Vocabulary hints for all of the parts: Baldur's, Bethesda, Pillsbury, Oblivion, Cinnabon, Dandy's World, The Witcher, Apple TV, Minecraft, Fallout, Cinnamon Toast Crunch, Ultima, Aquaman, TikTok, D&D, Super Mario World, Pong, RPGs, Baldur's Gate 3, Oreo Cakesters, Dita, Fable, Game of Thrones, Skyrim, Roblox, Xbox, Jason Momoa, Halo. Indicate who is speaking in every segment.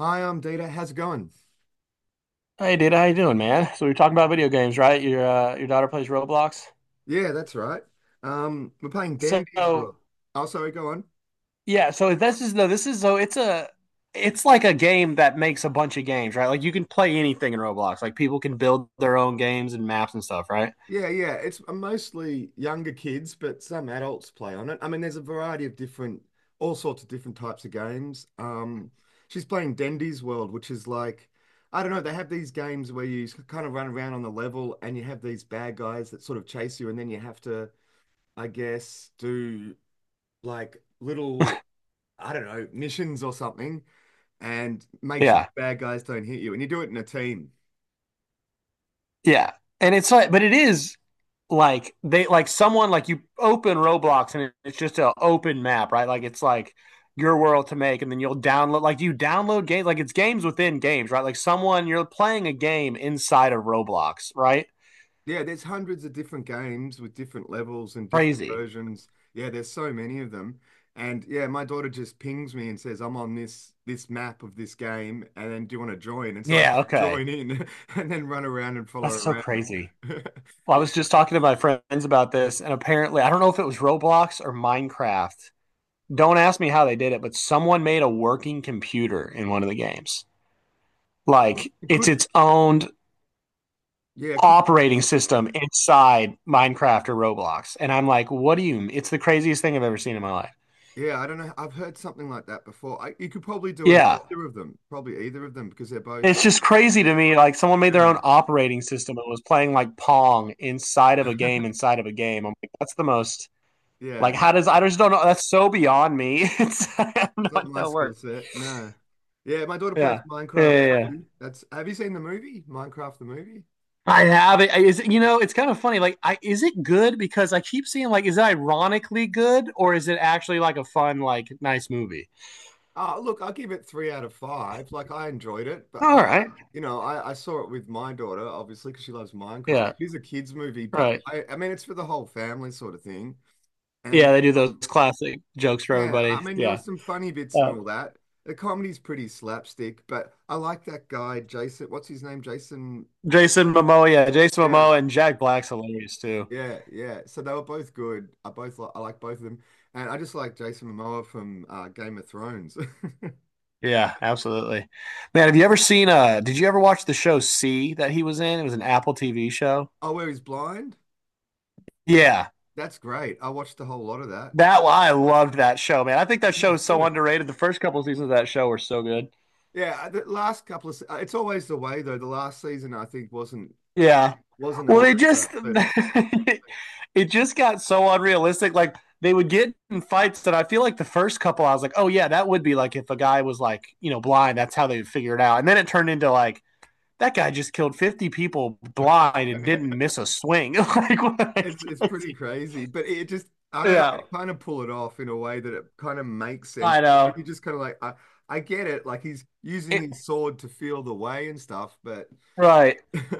Speaker 1: Hi, I'm Dita. How's it going?
Speaker 2: Hey, Data, how you doing, man? So we are talking about video games, right? Your daughter plays Roblox.
Speaker 1: Yeah, that's right. We're playing
Speaker 2: So
Speaker 1: Dandy's World. Oh, sorry, go on.
Speaker 2: yeah, so this is no, this is so it's a it's like a game that makes a bunch of games, right? Like you can play anything in Roblox. Like people can build their own games and maps and stuff, right?
Speaker 1: Yeah, yeah. It's mostly younger kids, but some adults play on it. I mean, there's a variety of different, all sorts of different types of games. She's playing Dandy's World, which is like, I don't know, they have these games where you kind of run around on the level and you have these bad guys that sort of chase you, and then you have to, I guess, do like little, I don't know, missions or something. And make sure
Speaker 2: Yeah,
Speaker 1: the bad guys don't hit you. And you do it in a team.
Speaker 2: yeah, and it's like, but it is. Like they like someone like you open Roblox and it's just an open map, right? Like it's like your world to make, and then you'll download like you download games, like it's games within games, right? Like someone you're playing a game inside of Roblox, right?
Speaker 1: Yeah, there's hundreds of different games with different levels and different
Speaker 2: Crazy.
Speaker 1: versions. Yeah, there's so many of them. And yeah, my daughter just pings me and says, I'm on this map of this game, and then do you want to join? And so I have
Speaker 2: Yeah,
Speaker 1: to
Speaker 2: okay.
Speaker 1: join in and then run around and follow
Speaker 2: That's so
Speaker 1: around.
Speaker 2: crazy. Well, I
Speaker 1: Yeah,
Speaker 2: was just talking to my friends about this, and apparently, I don't know if it was Roblox or Minecraft. Don't ask me how they did it, but someone made a working computer in one of the games. Like
Speaker 1: it
Speaker 2: it's
Speaker 1: could
Speaker 2: its own
Speaker 1: yeah, it could
Speaker 2: operating system inside Minecraft or Roblox. And I'm like, what do you mean? It's the craziest thing I've ever seen in my life.
Speaker 1: yeah, I don't know. I've heard something like that before. You could probably do an
Speaker 2: Yeah.
Speaker 1: either of them, probably either of them because they're both
Speaker 2: It's just crazy to me. Like someone made their
Speaker 1: yeah.
Speaker 2: own operating system and was playing like Pong inside of a game inside of a game. I'm like, that's the most like
Speaker 1: Yeah.
Speaker 2: how does I just don't know that's so beyond me. It's I'm
Speaker 1: It's not
Speaker 2: not
Speaker 1: my
Speaker 2: that
Speaker 1: skill
Speaker 2: work.
Speaker 1: set. No. Yeah, my daughter plays
Speaker 2: Yeah. Yeah,
Speaker 1: Minecraft
Speaker 2: yeah, yeah.
Speaker 1: too. That's have you seen the movie? Minecraft the movie?
Speaker 2: I have it. Is it, you know, it's kind of funny. Like, I is it good? Because I keep seeing like, is it ironically good or is it actually like a fun, like nice movie?
Speaker 1: Oh, look, I give it three out of five. Like I enjoyed it,
Speaker 2: All right.
Speaker 1: you know, I saw it with my daughter, obviously, because she loves Minecraft.
Speaker 2: Yeah.
Speaker 1: It's a kids' movie,
Speaker 2: Right.
Speaker 1: I mean, it's for the whole family sort of thing. And
Speaker 2: Yeah, they do those
Speaker 1: um,
Speaker 2: classic jokes for
Speaker 1: yeah, I
Speaker 2: everybody.
Speaker 1: mean, there
Speaker 2: Yeah.
Speaker 1: was some funny bits and
Speaker 2: Uh,
Speaker 1: all that. The comedy's pretty slapstick, but I like that guy, Jason. What's his name? Jason.
Speaker 2: Jason Momoa, yeah, Jason
Speaker 1: Yeah,
Speaker 2: Momoa and Jack Black's hilarious too.
Speaker 1: yeah, yeah. So they were both good. I like both of them, and I just like Jason Momoa from Game of Thrones.
Speaker 2: Yeah, absolutely. Man, have you ever seen did you ever watch the show C that he was in? It was an Apple TV show.
Speaker 1: Oh, where he's blind?
Speaker 2: Yeah.
Speaker 1: That's great. I watched a whole lot of that.
Speaker 2: That I loved that show, man. I think that
Speaker 1: He
Speaker 2: show
Speaker 1: was
Speaker 2: is so
Speaker 1: good.
Speaker 2: underrated. The first couple of seasons of that show were so good.
Speaker 1: Yeah, the last couple of se- it's always the way though. The last season I think
Speaker 2: Yeah.
Speaker 1: wasn't
Speaker 2: Well,
Speaker 1: all
Speaker 2: they
Speaker 1: that
Speaker 2: just
Speaker 1: great, but
Speaker 2: it just got so unrealistic. Like they would get in fights that I feel like the first couple, I was like, oh yeah, that would be like if a guy was like you know blind, that's how they would figure it out. And then it turned into like that guy just killed 50 people blind and didn't miss a swing. Like, what?
Speaker 1: it's pretty crazy. But it just I don't know.
Speaker 2: Yeah,
Speaker 1: They kind of pull it off in a way that it kind of makes sense.
Speaker 2: I know.
Speaker 1: You just kind of like I get it. Like he's using
Speaker 2: It,
Speaker 1: his sword to feel the way and stuff, but
Speaker 2: right.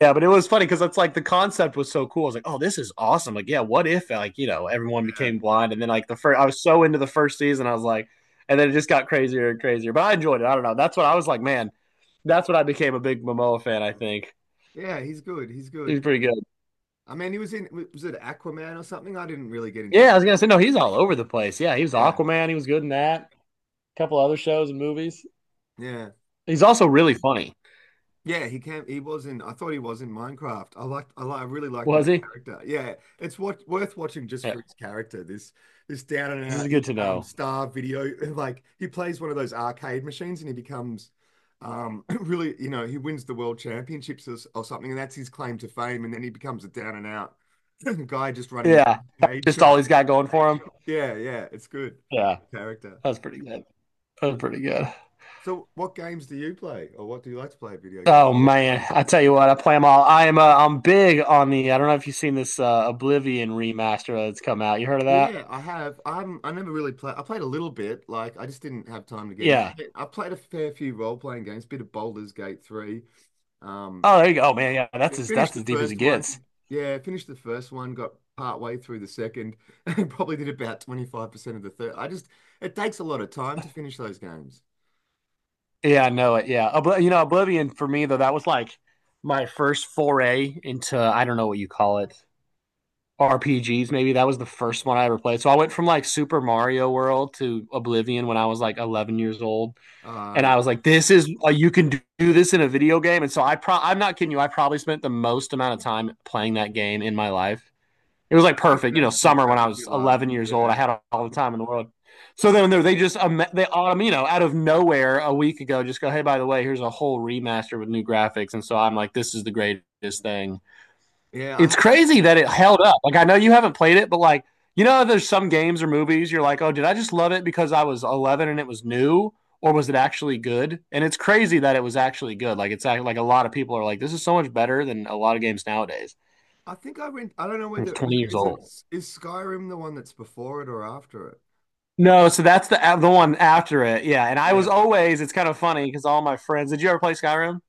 Speaker 2: Yeah, but it was funny because it's like the concept was so cool. I was like, oh, this is awesome. Like, yeah, what if like, you know, everyone
Speaker 1: yeah.
Speaker 2: became blind and then like the first I was so into the first season, I was like, and then it just got crazier and crazier. But I enjoyed it. I don't know. That's what I was like, man, that's what I became a big Momoa fan, I think.
Speaker 1: Yeah, he's good. He's
Speaker 2: He's
Speaker 1: good.
Speaker 2: pretty good.
Speaker 1: I mean, he was in, was it Aquaman or something? I didn't really get into that.
Speaker 2: Yeah, I was gonna say, no, he's all over the place. Yeah, he was
Speaker 1: Yeah,
Speaker 2: Aquaman, he was good in that. A couple other shows and movies.
Speaker 1: yeah.
Speaker 2: He's also really funny.
Speaker 1: Yeah, he was in, I thought he was in Minecraft. I really liked his
Speaker 2: Was he?
Speaker 1: character. Yeah, it's what worth watching just
Speaker 2: Yeah.
Speaker 1: for his character. This down and
Speaker 2: This
Speaker 1: out,
Speaker 2: is
Speaker 1: his
Speaker 2: good to know.
Speaker 1: star video, like he plays one of those arcade machines and he becomes, really, you know, he wins the world championships or something, and that's his claim to fame. And then he becomes a down and out guy just running this
Speaker 2: Yeah. That's
Speaker 1: arcade
Speaker 2: just all
Speaker 1: shop.
Speaker 2: he's got going for him.
Speaker 1: Yeah, yeah, it's good.
Speaker 2: Yeah.
Speaker 1: Character.
Speaker 2: That's pretty good. That's pretty good.
Speaker 1: So what games do you play or what do you like to play video games?
Speaker 2: Oh man, I tell you what, I play them all. I'm big on the. I don't know if you've seen this Oblivion remaster that's come out. You heard of that?
Speaker 1: Yeah, I have. I never really played. I played a little bit. Like I just didn't have time to get in.
Speaker 2: Yeah.
Speaker 1: I played a fair few role-playing games, bit of Baldur's Gate 3. Um,
Speaker 2: Oh, there you go, Oh, man. Yeah,
Speaker 1: yeah, finished
Speaker 2: that's
Speaker 1: the
Speaker 2: as deep as it
Speaker 1: first one.
Speaker 2: gets.
Speaker 1: Yeah, finished the first one, got part way through the second, and probably did about 25% of the third. I just it takes a lot of time to finish those games.
Speaker 2: Yeah, I know it. Yeah, you know Oblivion for me though, that was like my first foray into I don't know what you call it RPGs. Maybe that was the first one I ever played. So I went from like Super Mario World to Oblivion when I was like 11 years old.
Speaker 1: Uh,
Speaker 2: And
Speaker 1: yeah,
Speaker 2: I was like, "This is you can do, this in a video game." And so I'm not kidding you. I probably spent the most amount of time playing that game in my life. It was
Speaker 1: Yeah,
Speaker 2: like
Speaker 1: I can
Speaker 2: perfect, you know,
Speaker 1: imagine what
Speaker 2: summer when
Speaker 1: that
Speaker 2: I
Speaker 1: would be
Speaker 2: was
Speaker 1: like.
Speaker 2: 11 years old. I
Speaker 1: Yeah.
Speaker 2: had all the time in the world. So then they just they you know out of nowhere a week ago just go, "Hey, by the way, here's a whole remaster with new graphics." And so I'm like, "This is the greatest thing."
Speaker 1: Yeah,
Speaker 2: It's crazy that it held up. Like I know you haven't played it, but like you know, there's some games or movies you're like, oh, did I just love it because I was 11 and it was new, or was it actually good? And it's crazy that it was actually good. Like it's like a lot of people are like, this is so much better than a lot of games nowadays.
Speaker 1: I think I went. I don't know
Speaker 2: It's
Speaker 1: whether
Speaker 2: 20 years
Speaker 1: is it
Speaker 2: old.
Speaker 1: is Skyrim the one that's before it or after it?
Speaker 2: No, so that's the one after it. Yeah, and I was
Speaker 1: Yeah,
Speaker 2: always. It's kind of funny because all my friends. Did you ever play Skyrim?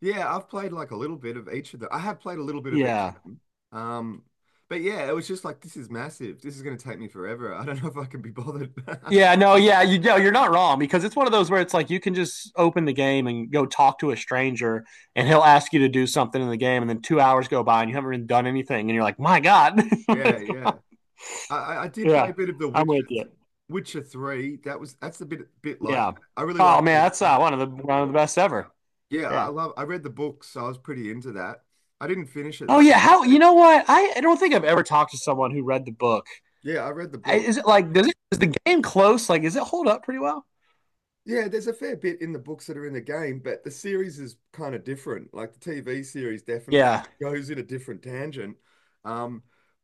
Speaker 1: yeah. I've played like a little bit of each of them. I have played a little bit of each of
Speaker 2: Yeah.
Speaker 1: them. Um, but yeah, it was just like this is massive. This is going to take me forever. I don't know if I can be bothered.
Speaker 2: Yeah, no, yeah, you know you're not wrong because it's one of those where it's like you can just open the game and go talk to a stranger and he'll ask you to do something in the game and then 2 hours go by and you haven't even done anything and you're like, my God.
Speaker 1: Yeah, yeah. I did
Speaker 2: Yeah,
Speaker 1: play a bit of The
Speaker 2: I'm
Speaker 1: Witcher,
Speaker 2: with you.
Speaker 1: Witcher Three. That's a bit like
Speaker 2: Yeah.
Speaker 1: I really
Speaker 2: Oh
Speaker 1: liked The
Speaker 2: man, that's
Speaker 1: Witcher.
Speaker 2: one of the best ever.
Speaker 1: Yeah, I
Speaker 2: Yeah.
Speaker 1: love. I read the books, so I was pretty into that. I didn't finish it
Speaker 2: Oh
Speaker 1: though.
Speaker 2: yeah, how you know what? I don't think I've ever talked to someone who read the book.
Speaker 1: Yeah, I read the book.
Speaker 2: Is it like does it is the game close? Like, is it hold up pretty well?
Speaker 1: Yeah, there's a fair bit in the books that are in the game, but the series is kind of different. Like the TV series definitely
Speaker 2: Yeah,
Speaker 1: goes in a different tangent. Um,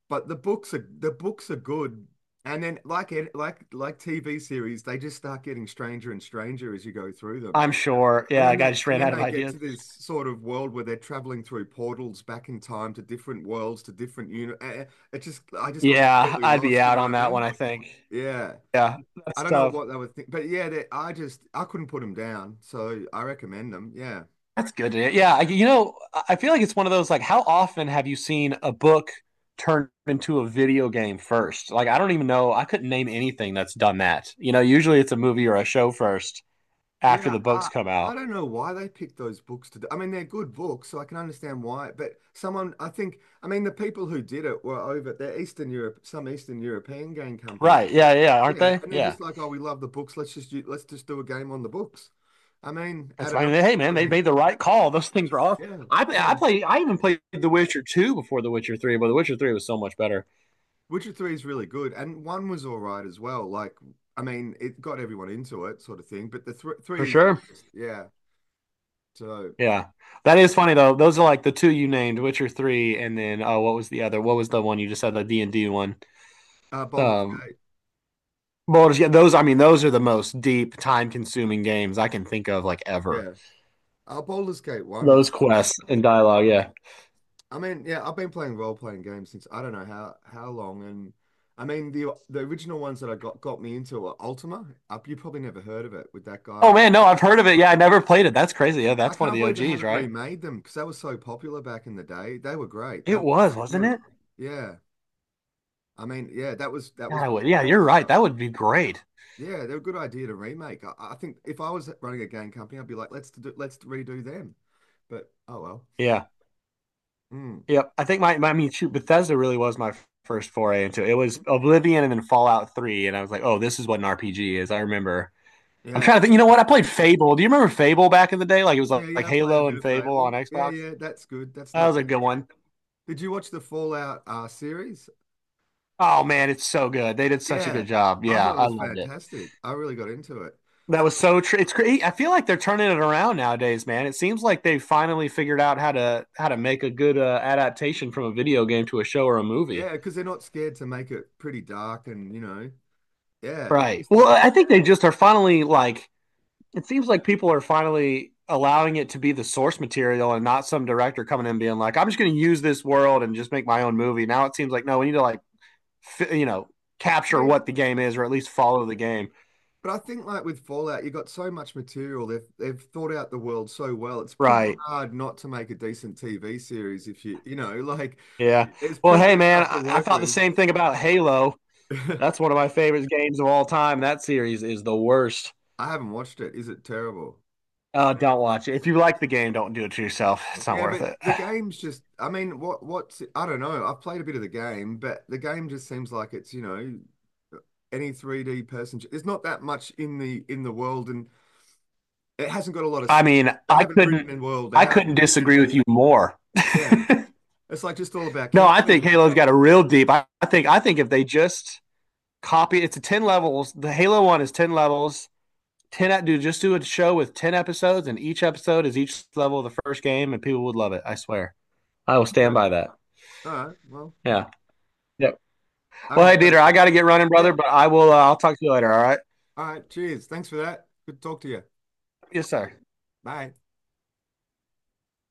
Speaker 1: but the books are good. And then like TV series, they just start getting stranger and stranger as you go through them.
Speaker 2: I'm sure. Yeah, I just
Speaker 1: And
Speaker 2: ran
Speaker 1: then
Speaker 2: out of
Speaker 1: they get
Speaker 2: ideas.
Speaker 1: to this sort of world where they're traveling through portals back in time to different worlds, to different uni- eh, eh, it just I just got
Speaker 2: Yeah,
Speaker 1: completely
Speaker 2: I'd be
Speaker 1: lost, you
Speaker 2: out
Speaker 1: know
Speaker 2: on
Speaker 1: what I
Speaker 2: that one,
Speaker 1: mean?
Speaker 2: I think.
Speaker 1: Yeah.
Speaker 2: Yeah,
Speaker 1: I
Speaker 2: that's
Speaker 1: don't know
Speaker 2: tough.
Speaker 1: what they were thinking, but yeah, I just I couldn't put them down, so I recommend them. Yeah,
Speaker 2: That's good. To- hear. Yeah, I, you know, I feel like it's one of those like, how often have you seen a book turned into a video game first? Like, I don't even know. I couldn't name anything that's done that. You know, usually it's a movie or a show first after
Speaker 1: yeah.
Speaker 2: the books
Speaker 1: I
Speaker 2: come
Speaker 1: I
Speaker 2: out.
Speaker 1: don't know why they picked those books to do. I mean, they're good books, so I can understand why. But someone, I think, I mean, the people who did it were over. They're Eastern Europe, some Eastern European game company.
Speaker 2: Right?
Speaker 1: Did it.
Speaker 2: Yeah, yeah, aren't
Speaker 1: Yeah,
Speaker 2: they?
Speaker 1: and they're
Speaker 2: Yeah.
Speaker 1: just like, oh, we love the books. Let's just do a game on the books. I mean, out
Speaker 2: That's
Speaker 1: of
Speaker 2: I mean,
Speaker 1: nowhere,
Speaker 2: hey man,
Speaker 1: sort of
Speaker 2: they
Speaker 1: thing.
Speaker 2: made the right call. Those things were off.
Speaker 1: Yeah,
Speaker 2: I
Speaker 1: yeah.
Speaker 2: play. I even played The Witcher two before The Witcher three, but The Witcher three was so much better
Speaker 1: Witcher 3 is really good, and 1 was all right as well. Like, I mean, it got everyone into it, sort of thing, but the th
Speaker 2: for
Speaker 1: 3 is the
Speaker 2: sure.
Speaker 1: best. Yeah. So,
Speaker 2: Yeah. That is funny though. Those are like the two you named, Witcher 3 and then oh what was the other? What was the one you just said the D&D one?
Speaker 1: Baldur's
Speaker 2: Um
Speaker 1: Gate.
Speaker 2: Baldur's yeah, those I mean those are the most deep time-consuming games I can think of like ever.
Speaker 1: Yeah. Baldur's Gate 1.
Speaker 2: Those quests and dialogue, yeah.
Speaker 1: I mean, yeah, I've been playing role-playing games since I don't know how long, and I mean, the original ones that I got me into were Ultima. Up, you probably never heard of it with that
Speaker 2: Oh
Speaker 1: guy.
Speaker 2: man, no, I've heard of it. Yeah, I never played it. That's crazy. Yeah,
Speaker 1: I
Speaker 2: that's one of
Speaker 1: can't
Speaker 2: the
Speaker 1: believe they
Speaker 2: OGs,
Speaker 1: haven't
Speaker 2: right?
Speaker 1: remade them because they were so popular back in the day. They were great. They
Speaker 2: It
Speaker 1: were really
Speaker 2: was, wasn't
Speaker 1: good.
Speaker 2: it?
Speaker 1: Yeah. I mean, yeah, that
Speaker 2: God,
Speaker 1: was
Speaker 2: I
Speaker 1: what.
Speaker 2: would, yeah, you're right. That would be great.
Speaker 1: Yeah, they're a good idea to remake. I think if I was running a game company, I'd be like, let's redo them. But oh well.
Speaker 2: Yeah.
Speaker 1: Mm,
Speaker 2: Yep. I think my I mean shoot, Bethesda really was my first foray into it. It was Oblivion and then Fallout 3 and I was like, "Oh, this is what an RPG is." I remember I'm
Speaker 1: yeah,
Speaker 2: trying to think. You know what? I played Fable. Do you remember Fable back in the day? Like it was
Speaker 1: yeah,
Speaker 2: like
Speaker 1: yeah. I played a
Speaker 2: Halo
Speaker 1: bit
Speaker 2: and
Speaker 1: of
Speaker 2: Fable on
Speaker 1: Fable. Yeah,
Speaker 2: Xbox.
Speaker 1: yeah. That's good. That's
Speaker 2: That
Speaker 1: not
Speaker 2: was a
Speaker 1: bad.
Speaker 2: good one.
Speaker 1: Did you watch the Fallout series?
Speaker 2: Oh man, it's so good. They did such a
Speaker 1: Yeah,
Speaker 2: good job.
Speaker 1: I
Speaker 2: Yeah,
Speaker 1: thought it
Speaker 2: I
Speaker 1: was
Speaker 2: loved it.
Speaker 1: fantastic. I really got into it.
Speaker 2: That was so true. It's great. I feel like they're turning it around nowadays, man. It seems like they finally figured out how to make a good adaptation from a video game to a show or a movie.
Speaker 1: Yeah, because they're not scared to make it pretty dark and you know, yeah. It's
Speaker 2: Right.
Speaker 1: just,
Speaker 2: Well, I think they just are finally like it seems like people are finally allowing it to be the source material and not some director coming in being like, I'm just going to use this world and just make my own movie. Now it seems like, no, we need to like, you know,
Speaker 1: I
Speaker 2: capture
Speaker 1: mean,
Speaker 2: what the game is or at least follow the game.
Speaker 1: but I think like with Fallout, you got so much material. They've thought out the world so well. It's pretty
Speaker 2: Right.
Speaker 1: hard not to make a decent TV series if you you know, like
Speaker 2: Yeah.
Speaker 1: there's
Speaker 2: Well,
Speaker 1: plenty
Speaker 2: hey,
Speaker 1: of
Speaker 2: man,
Speaker 1: stuff to
Speaker 2: I
Speaker 1: work
Speaker 2: thought the
Speaker 1: with.
Speaker 2: same thing about Halo. That's one of my favorite games of all time. That series is the worst.
Speaker 1: I haven't watched it. Is it terrible?
Speaker 2: Don't watch it. If you like the game, don't do it to yourself. It's not
Speaker 1: Yeah,
Speaker 2: worth
Speaker 1: but
Speaker 2: it.
Speaker 1: the game's just I mean, what's I don't know. I've played a bit of the game, but the game just seems like it's, you know, any 3D person. There's not that much in the world and it hasn't got a lot of
Speaker 2: I mean,
Speaker 1: they
Speaker 2: I
Speaker 1: haven't written
Speaker 2: couldn't.
Speaker 1: the world
Speaker 2: I
Speaker 1: out.
Speaker 2: couldn't disagree with you more.
Speaker 1: Yeah. It's like just all about
Speaker 2: No,
Speaker 1: killing
Speaker 2: I think
Speaker 1: people.
Speaker 2: Halo's got a real deep. I think if they just copy, it's a 10 levels. The Halo one is 10 levels. Do just do a show with 10 episodes, and each episode is each level of the first game, and people would love it. I swear. I will stand
Speaker 1: Okay.
Speaker 2: by that.
Speaker 1: All right. Well,
Speaker 2: Yeah. Yep.
Speaker 1: I
Speaker 2: Well,
Speaker 1: haven't
Speaker 2: hey
Speaker 1: played it
Speaker 2: Dieter, I got to get running, brother,
Speaker 1: yet.
Speaker 2: but I will. I'll talk to you later. All right.
Speaker 1: All right. Cheers. Thanks for that. Good to talk to you.
Speaker 2: Yes, sir.
Speaker 1: Bye.